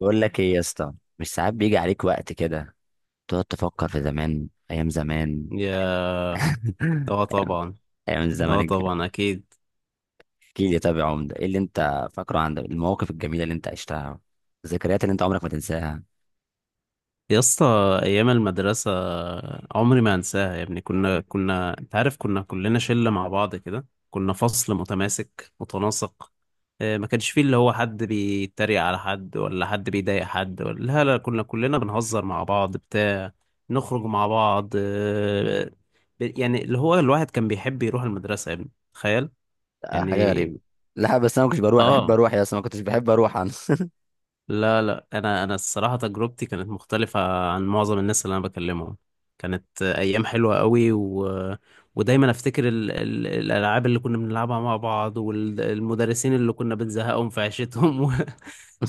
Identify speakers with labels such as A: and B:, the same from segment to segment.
A: بقول لك ايه يا اسطى، مش ساعات بيجي عليك وقت كده تقعد تفكر في زمان، ايام زمان.
B: يا اه طبعا.
A: ايام الزمن
B: اه
A: الجميل.
B: طبعا، اكيد.
A: احكي لي طب يا عمده، ايه اللي انت فاكره عن المواقف الجميله اللي انت عشتها، الذكريات اللي انت عمرك ما تنساها؟
B: يا اسطى، ايام المدرسه عمري ما انساها يا ابني. كنا انت عارف، كنا كلنا شله مع بعض كده، كنا فصل متماسك متناسق. ما كانش فيه اللي هو حد بيتريق على حد ولا حد بيضايق حد، ولا لا لا، كنا كلنا بنهزر مع بعض بتاع، نخرج مع بعض. يعني اللي هو الواحد كان بيحب يروح المدرسه يا ابني، تخيل
A: آه، حاجه
B: يعني.
A: غريبه. لا بس انا ما كنتش بروح، بحب
B: اه،
A: اروح يا اسطى، ما كنتش بحب اروح انا.
B: لا لا، انا الصراحه تجربتي كانت مختلفه عن معظم الناس اللي انا بكلمهم، كانت ايام حلوه قوي ودايما افتكر الالعاب اللي كنا بنلعبها مع بعض، والمدرسين اللي كنا بنزهقهم في عيشتهم.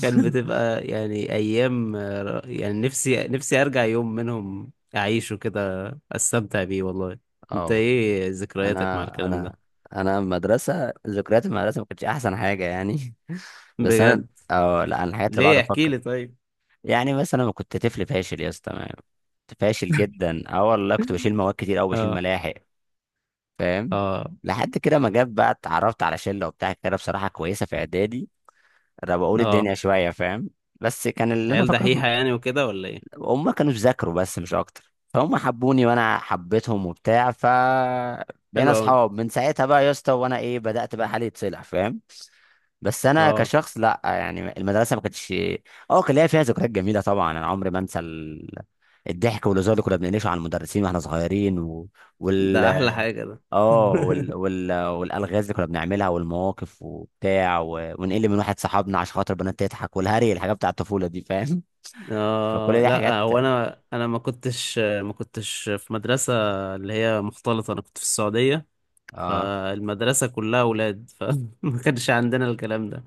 B: كان بتبقى يعني ايام يعني، نفسي ارجع يوم منهم اعيشه كده، استمتع بيه والله.
A: اه
B: انت
A: والله.
B: ايه ذكرياتك مع
A: انا
B: الكلام
A: انا
B: ده؟
A: انا مدرسه، ذكريات المدرسه ما كانتش احسن حاجه يعني. بس انا،
B: بجد؟
A: اه لا انا الحاجات اللي بقعد
B: ليه؟ احكي
A: افكر،
B: لي طيب.
A: يعني مثلا أنا كنت طفل فاشل يا اسطى. كنت فاشل جدا، اه والله كنت بشيل مواد كتير او بشيل
B: اه،
A: ملاحق، فاهم؟
B: اه،
A: لحد كده ما جت بقى، اتعرفت على شله وبتاع كده بصراحه كويسه في اعدادي. انا بقول
B: اه.
A: الدنيا شويه، فاهم؟ بس كان اللي انا
B: عيال
A: فاكره
B: دحيحة يعني وكده ولا ايه؟
A: هم كانوا بيذاكروا بس مش اكتر، فهم حبوني وانا حبيتهم وبتاع، ف بقينا
B: حلو اوي.
A: اصحاب من ساعتها بقى يا اسطى، وانا ايه بدات بقى حالي يتصلح، فاهم؟ بس انا
B: اه،
A: كشخص لا، يعني المدرسه ما كانتش، اه كان ليا فيها ذكريات جميله طبعا، انا عمري ما انسى الضحك والهزار اللي كنا بنقلشه على المدرسين واحنا صغيرين، و... وال
B: ده احلى حاجة ده.
A: اه وال... وال... والالغاز اللي كنا بنعملها والمواقف وبتاع، و... ونقل من واحد صاحبنا عشان خاطر بنات تضحك، والهري، الحاجات بتاع الطفوله دي، فاهم؟ فكل
B: اه،
A: دي حاجات.
B: لا هو انا ما كنتش في مدرسة اللي هي مختلطة، انا كنت في السعودية،
A: اه
B: فالمدرسة كلها اولاد، فما كانش عندنا الكلام ده.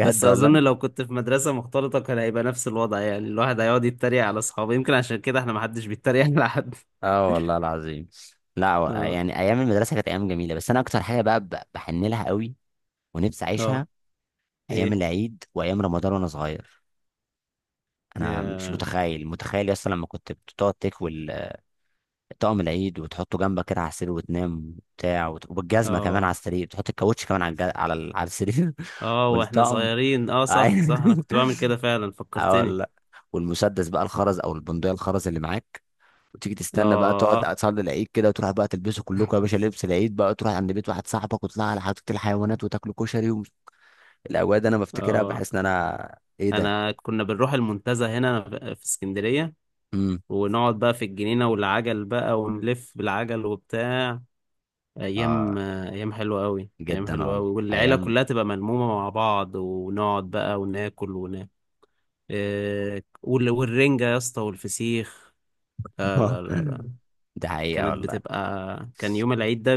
B: بس اظن
A: والله.
B: لو كنت في مدرسة مختلطة كان هيبقى نفس الوضع، يعني الواحد هيقعد يتريق على اصحابه، يمكن عشان كده احنا ما حدش بيتريق على حد.
A: اه والله العظيم. لا و-
B: اه،
A: يعني ايام المدرسه كانت ايام جميله، بس انا اكتر حاجه بقى بحن لها قوي ونفسي
B: اه،
A: اعيشها، ايام
B: ايه،
A: العيد وايام رمضان وانا صغير. انا مش
B: يا-
A: متخيل، متخيل يا اسطى لما كنت بتقعد تكوي طقم العيد وتحطه جنبك كده على السرير وتنام وبتاع، وبالجزمه كمان على
B: اه،
A: السرير، تحط الكاوتش كمان على السرير.
B: اه، واحنا
A: والطقم.
B: صغيرين، اه صح صح، انا كنت بعمل كده فعلا،
A: اه
B: فكرتني.
A: والله. والمسدس بقى الخرز او البندقيه الخرز اللي معاك، وتيجي تستنى بقى،
B: اه،
A: تقعد تصلي العيد كده وتروح بقى تلبسوا كلكم يا باشا لبس العيد بقى، تروح عند بيت واحد صاحبك وتطلع على حديقه الحيوانات وتاكلوا كشري الاوقات دي انا بفتكرها
B: اه،
A: بحس ان انا ايه ده.
B: انا كنا بنروح المنتزه هنا في اسكندرية، ونقعد بقى في الجنينة، والعجل بقى، ونلف بالعجل وبتاع.
A: امم
B: ايام، ايام حلوة قوي، ايام
A: جدا
B: حلوة
A: والله،
B: قوي، والعيلة
A: ايام.
B: كلها تبقى ملمومة مع بعض، ونقعد بقى وناكل وناكل. إيه، والرنجة يا اسطى والفسيخ، لا لا لا لا.
A: دي حقيقة
B: كانت
A: والله.
B: بتبقى كان يوم العيد ده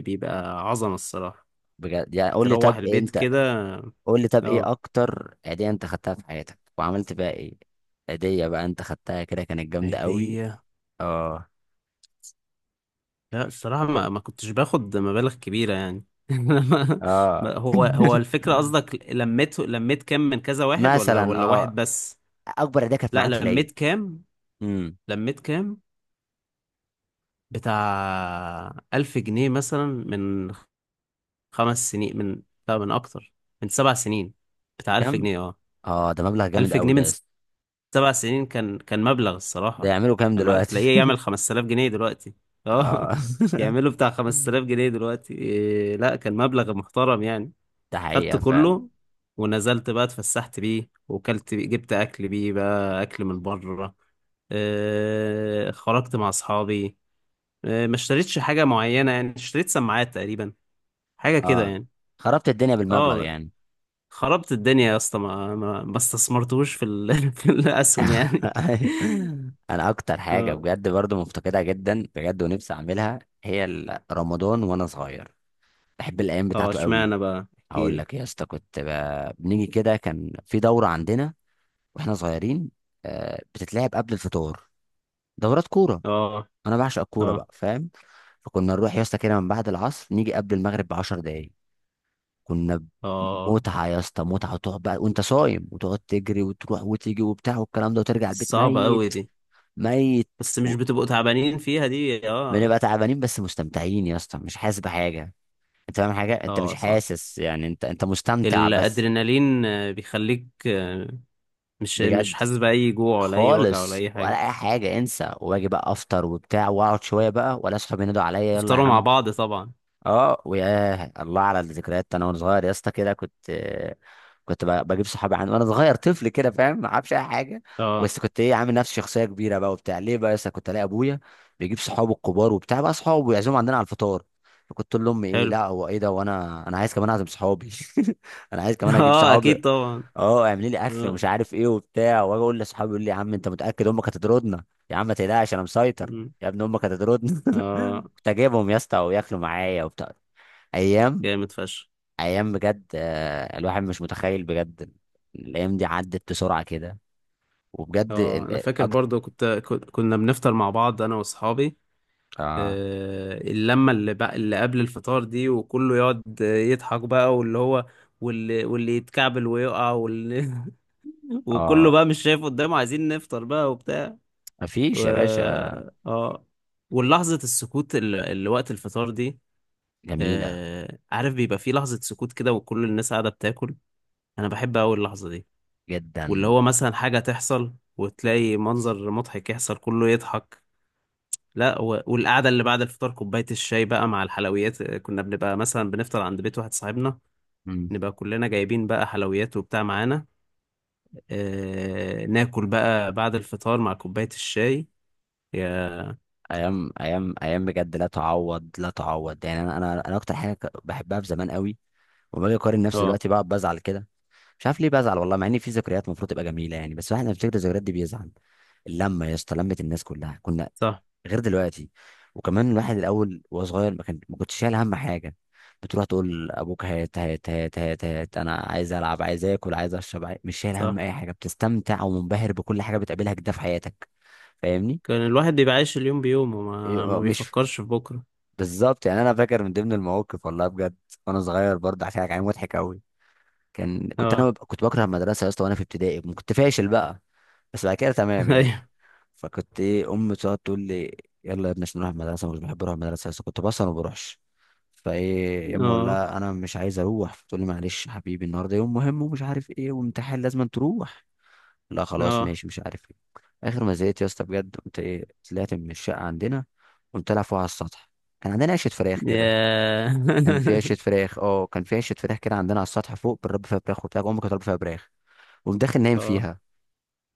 B: بيبقى عظمة الصراحة،
A: بجد، يعني قول لي،
B: تروح
A: طب إيه
B: البيت
A: انت،
B: كده.
A: قول لي طب
B: اه.
A: ايه اكتر هدية انت خدتها في حياتك وعملت بقى ايه؟ هدية بقى انت خدتها كده كانت جامدة قوي؟
B: هدية؟
A: اه.
B: لا الصراحة ما كنتش باخد مبالغ كبيرة يعني.
A: اه.
B: هو الفكرة قصدك، لميت كام من كذا واحد، ولا
A: مثلا
B: ولا واحد
A: اه،
B: بس.
A: اكبر هدية كانت
B: لا،
A: معاك في العيد.
B: لميت كام
A: امم
B: لميت كام بتاع 1000 جنيه مثلا، من 5 سنين. من، لا، من أكتر، من 7 سنين بتاع، ألف
A: كم؟
B: جنيه اه.
A: اه ده مبلغ جامد
B: ألف
A: قوي
B: جنيه
A: ده
B: من
A: يا اسطى،
B: 7 سنين، كان مبلغ
A: ده
B: الصراحة،
A: يعملوا كام
B: كان ما...
A: دلوقتي؟
B: تلاقيه يعمل 5000 جنيه دلوقتي.
A: اه،
B: اه، يعمله بتاع 5000 جنيه دلوقتي. لا كان مبلغ محترم يعني.
A: ده
B: خدت
A: حقيقة فعلا.
B: كله، ونزلت بقى اتفسحت بيه، وكلت بيه، جبت أكل بيه بقى، أكل من بره. خرجت مع أصحابي. ما اشتريتش حاجة معينة يعني، اشتريت سماعات تقريبا، حاجة كده
A: اه
B: يعني.
A: خربت الدنيا بالمبلغ
B: اه،
A: يعني.
B: خربت الدنيا يا اسطى، ما استثمرتوش في في الأسهم يعني.
A: ايوه. انا اكتر حاجه
B: اه.
A: بجد برضو مفتقدها جدا بجد ونفسي اعملها، هي رمضان وانا صغير، بحب الايام
B: اه،
A: بتاعته قوي.
B: اشمعنى بقى؟
A: هقول
B: احكيلي.
A: لك يا اسطى، كنت بنيجي كده، كان في دوره عندنا واحنا صغيرين، آه، بتتلعب قبل الفطار، دورات كوره.
B: اه،
A: انا بعشق الكوره
B: اه،
A: بقى، فاهم؟ فكنا نروح يا اسطى كده من بعد العصر، نيجي قبل المغرب ب 10 دقايق. كنا ب-
B: اه،
A: متعه يا اسطى، متعه. وتقعد بقى وانت صايم وتقعد تجري وتروح وتيجي وبتاع والكلام ده، وترجع البيت
B: صعبة قوي
A: ميت،
B: دي.
A: ميت.
B: بس مش بتبقوا تعبانين فيها دي؟ اه.
A: بنبقى تعبانين بس مستمتعين يا اسطى، مش حاسس بحاجه. انت فاهم حاجه؟ انت مش
B: اه صح.
A: حاسس، يعني انت مستمتع بس.
B: الادرينالين بيخليك، مش
A: بجد
B: حاسس بأي جوع ولا أي وجع ولا
A: خالص،
B: أي
A: ولا
B: حاجة.
A: اي حاجه انسى، واجي بقى افطر وبتاع، واقعد شويه بقى، ولا اصحابي ينادوا عليا، يلا يا
B: تفطروا مع
A: عم.
B: بعض طبعا.
A: اه، وياه، الله على الذكريات. انا وانا صغير يا اسطى كده كنت آه، كنت بجيب صحابي عندي وانا صغير طفل كده، فاهم؟ ما اعرفش اي حاجه،
B: اه.
A: بس كنت ايه، عامل نفسي شخصيه كبيره بقى وبتاع. ليه بقى يا اسطى؟ كنت الاقي ابويا بيجيب صحابه الكبار وبتاع بقى، صحابه ويعزمهم عندنا على الفطار. فكنت اقول لامي ايه،
B: حلو.
A: لا هو ايه ده، وانا عايز كمان اعزم صحابي. انا عايز كمان اجيب
B: اه،
A: صحابي.
B: أكيد طبعا.
A: اه اعملي لي اكل ومش
B: اه.
A: عارف ايه وبتاع. واجي اقول لاصحابي، يقول لي يا عم انت متاكد امك هتطردنا؟ يا عم ما تقلقش انا مسيطر.
B: مم.
A: يا ابن امك هتطردنا.
B: آه،
A: كنت اجيبهم يا اسطى وياكلوا معايا وبتاع. ايام،
B: جامد فشخ.
A: ايام بجد آه، الواحد مش متخيل بجد. الايام دي عدت بسرعه كده. وبجد
B: اه، أنا
A: آه،
B: فاكر برضو، كنا بنفطر مع بعض أنا وأصحابي.
A: اه.
B: اللمة اللي بقى اللي قبل الفطار دي، وكله يقعد يضحك بقى، واللي هو، واللي يتكعبل ويقع، وكله
A: اه
B: بقى مش شايف قدامه، عايزين نفطر بقى وبتاع
A: مفيش
B: و...
A: يا باشا.
B: اه. واللحظة السكوت اللي وقت الفطار دي،
A: جميله
B: عارف بيبقى في لحظة سكوت كده، وكل الناس قاعدة بتاكل، أنا بحب أوي اللحظة دي، واللي
A: جدا.
B: هو مثلا حاجة تحصل وتلاقي منظر مضحك يحصل، كله يضحك. لا، والقعدة اللي بعد الفطار، كوباية الشاي بقى مع الحلويات، كنا بنبقى مثلا بنفطر عند بيت واحد صاحبنا،
A: مم.
B: نبقى كلنا جايبين بقى حلويات وبتاع معانا، ناكل بقى بعد الفطار مع كوباية الشاي. يا
A: ايام، ايام، ايام بجد لا تعوض، لا تعوض. يعني انا اكتر حاجه بحبها في زمان قوي، وما باجي اقارن نفسي
B: اه
A: دلوقتي بقعد بزعل كده. مش عارف ليه بزعل والله، مع ان في ذكريات المفروض تبقى جميله يعني، بس الواحد لما بيفتكر الذكريات دي بيزعل. اللمه يا اسطى، لمه الناس كلها، كنا
B: صح
A: غير دلوقتي. وكمان الواحد الاول وهو صغير، ما كنتش شايل هم حاجه، بتروح تقول لابوك هات هات هات هات هات، انا عايز العب، عايز اكل، عايز اشرب، مش شايل هم
B: صح.
A: اي حاجه، بتستمتع ومنبهر بكل حاجه بتقابلها كده في حياتك. فاهمني؟
B: كان الواحد بيبقى عايش اليوم بيومه، وما ما
A: مش،
B: بيفكرش في بكرة.
A: بالظبط. يعني انا فاكر من ضمن المواقف، والله بجد، وانا صغير برضه هحكي لك عليه، مضحك قوي. كان كنت انا
B: اه.
A: بب- كنت بكره المدرسه يا اسطى، وانا في ابتدائي كنت فاشل بقى، بس بعد كده تمام يعني.
B: ايوه.
A: فكنت ايه، امي تقعد تقول لي يلا يا ابني عشان نروح المدرسه، مش بحب اروح المدرسه، بس كنت بصل وما بروحش. فايه يا اما اقول
B: اه،
A: لها انا مش عايز اروح، فتقول لي معلش يا حبيبي النهارده يوم مهم ومش عارف ايه، وامتحان لازم تروح. لا خلاص
B: اه،
A: ماشي، مش عارف ايه. اخر ما زهقت يا اسطى بجد، قمت ايه، طلعت من الشقه عندنا، قمت العب فوق على السطح. كان عندنا عشه فراخ كده،
B: يا
A: كان في عشه فراخ، اه كان في عشه فراخ كده عندنا على السطح فوق، بنربي فيها فراخ وبتاع، امي كانت بتربي فيها فراخ. قمت داخل نايم
B: اه،
A: فيها،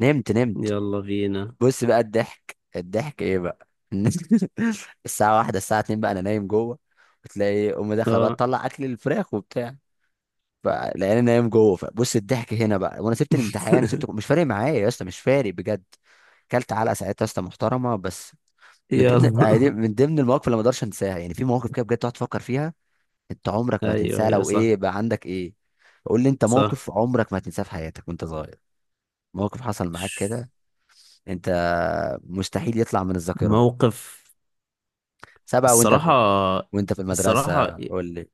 A: نمت.
B: يلا بينا.
A: بص بقى الضحك، الضحك ايه بقى. الساعة واحدة، الساعة اتنين بقى انا نايم جوه، وتلاقي امي داخلة بقى
B: اه
A: تطلع اكل الفراخ وبتاع، فلقيني نايم جوه، فبص الضحك هنا بقى. وانا سبت الامتحان وسبت، مش فارق معايا يا اسطى، مش فارق بجد. كلت علقة ساعتها يا اسطى محترمة، بس من ضمن
B: يلا
A: يعني، من ضمن المواقف اللي ما اقدرش انساها. يعني في مواقف كده بجد تقعد تفكر فيها، انت عمرك ما
B: ايوه،
A: هتنساها.
B: ايوه،
A: لو
B: صح
A: ايه بقى، عندك ايه؟ قول لي انت،
B: صح.
A: موقف عمرك ما هتنساه في حياتك وانت صغير، موقف حصل معاك كده انت، مستحيل يطلع من الذاكرة.
B: موقف؟
A: سبعة وانت في،
B: الصراحة،
A: وانت في
B: الصراحة،
A: المدرسة، قول لي.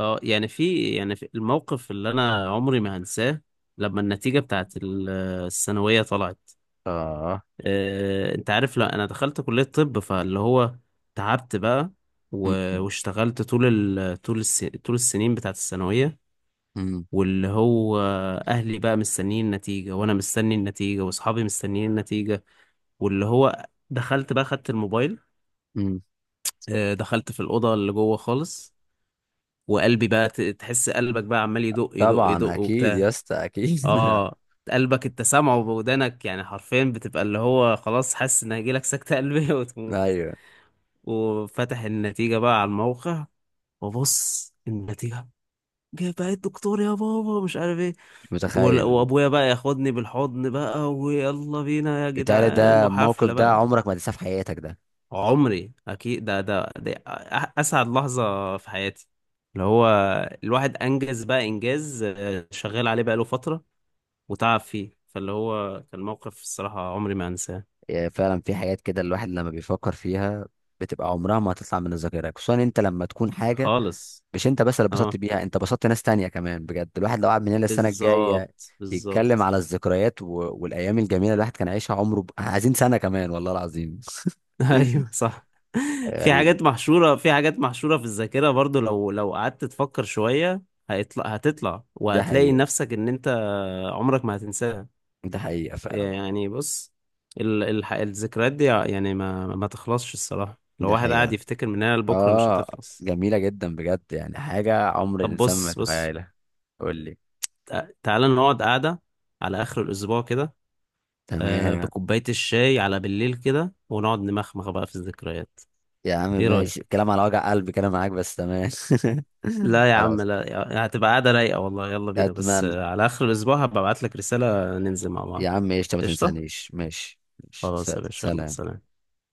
B: اه، يعني في الموقف اللي أنا عمري ما هنساه، لما النتيجة بتاعت الثانوية طلعت.
A: اه.
B: أنت عارف، لا أنا دخلت كلية طب، فاللي هو تعبت بقى
A: م-
B: واشتغلت طول طول السنين بتاعت الثانوية،
A: م-
B: واللي هو أهلي بقى مستنيين النتيجة، وأنا مستني النتيجة، وأصحابي مستنيين النتيجة، واللي هو دخلت بقى، خدت الموبايل.
A: م.
B: دخلت في الأوضة اللي جوه خالص، وقلبي بقى تحس قلبك بقى عمال يدق يدق
A: طبعا
B: يدق
A: اكيد يا
B: وبتاع.
A: اسطى اكيد.
B: اه، قلبك انت سامعه بودانك يعني حرفيا، بتبقى اللي هو خلاص حاسس ان هيجيلك سكتة قلبية وتموت.
A: ايوه،
B: وفتح النتيجة بقى على الموقع، وبص النتيجة، جايبها الدكتور يا بابا مش عارف ايه،
A: مش متخيل.
B: وابويا بقى ياخدني بالحضن بقى، ويلا بينا يا
A: بالتالي
B: جدعان،
A: ده الموقف
B: وحفلة
A: ده
B: بقى.
A: عمرك ما تنساه في حياتك ده.
B: عمري اكيد، ده اسعد لحظه في حياتي، اللي هو الواحد انجز بقى انجاز، شغال عليه بقاله فتره، وتعب فيه، فاللي هو كان موقف الصراحه عمري ما انساه
A: يعني فعلا في حاجات كده الواحد لما بيفكر فيها بتبقى عمرها ما هتطلع من الذاكرة، خصوصا انت لما تكون حاجة
B: خالص.
A: مش انت بس اللي اتبسطت
B: اه
A: بيها، انت بسطت ناس تانية كمان. بجد الواحد لو قعد من هنا السنة الجاية
B: بالظبط
A: يتكلم
B: بالظبط.
A: على الذكريات والايام الجميلة الواحد كان عايشها عمره عايزين سنة كمان والله العظيم.
B: ايوه صح. في
A: غريب.
B: حاجات محشوره في حاجات محشوره في الذاكره برضو، لو قعدت تفكر شويه، هتطلع
A: ده
B: وهتلاقي
A: حقيقة.
B: نفسك ان انت عمرك ما هتنساها.
A: ده حقيقة فعلا.
B: يعني بص، الذكريات دي يعني ما تخلصش الصراحة، لو
A: ده
B: واحد قاعد
A: حقيقة.
B: يفتكر من هنا لبكرة مش
A: اه
B: هتخلص.
A: جميلة جدا بجد، يعني حاجة عمر
B: طب
A: الإنسان ما
B: بص بص،
A: يتخيلها. قول لي.
B: تعالى نقعد قعدة على آخر الأسبوع كده،
A: تمام.
B: بكوباية الشاي على بالليل كده، ونقعد نمخمخ بقى في الذكريات.
A: يا عم
B: ايه
A: ماشي،
B: رأيك؟
A: كلام على وجع قلبي كده معاك، بس تمام.
B: لا يا عم،
A: خلاص.
B: لا يا- هتبقى قعدة رايقة والله. يلا بينا بس،
A: أتمنى.
B: على آخر الأسبوع هبقى أبعت لك رسالة ننزل مع
A: يا
B: بعض.
A: عم ايش، ما
B: قشطة؟
A: تنسانيش، ماشي ماشي،
B: خلاص يا باشا، يلا
A: سلام.
B: سلام.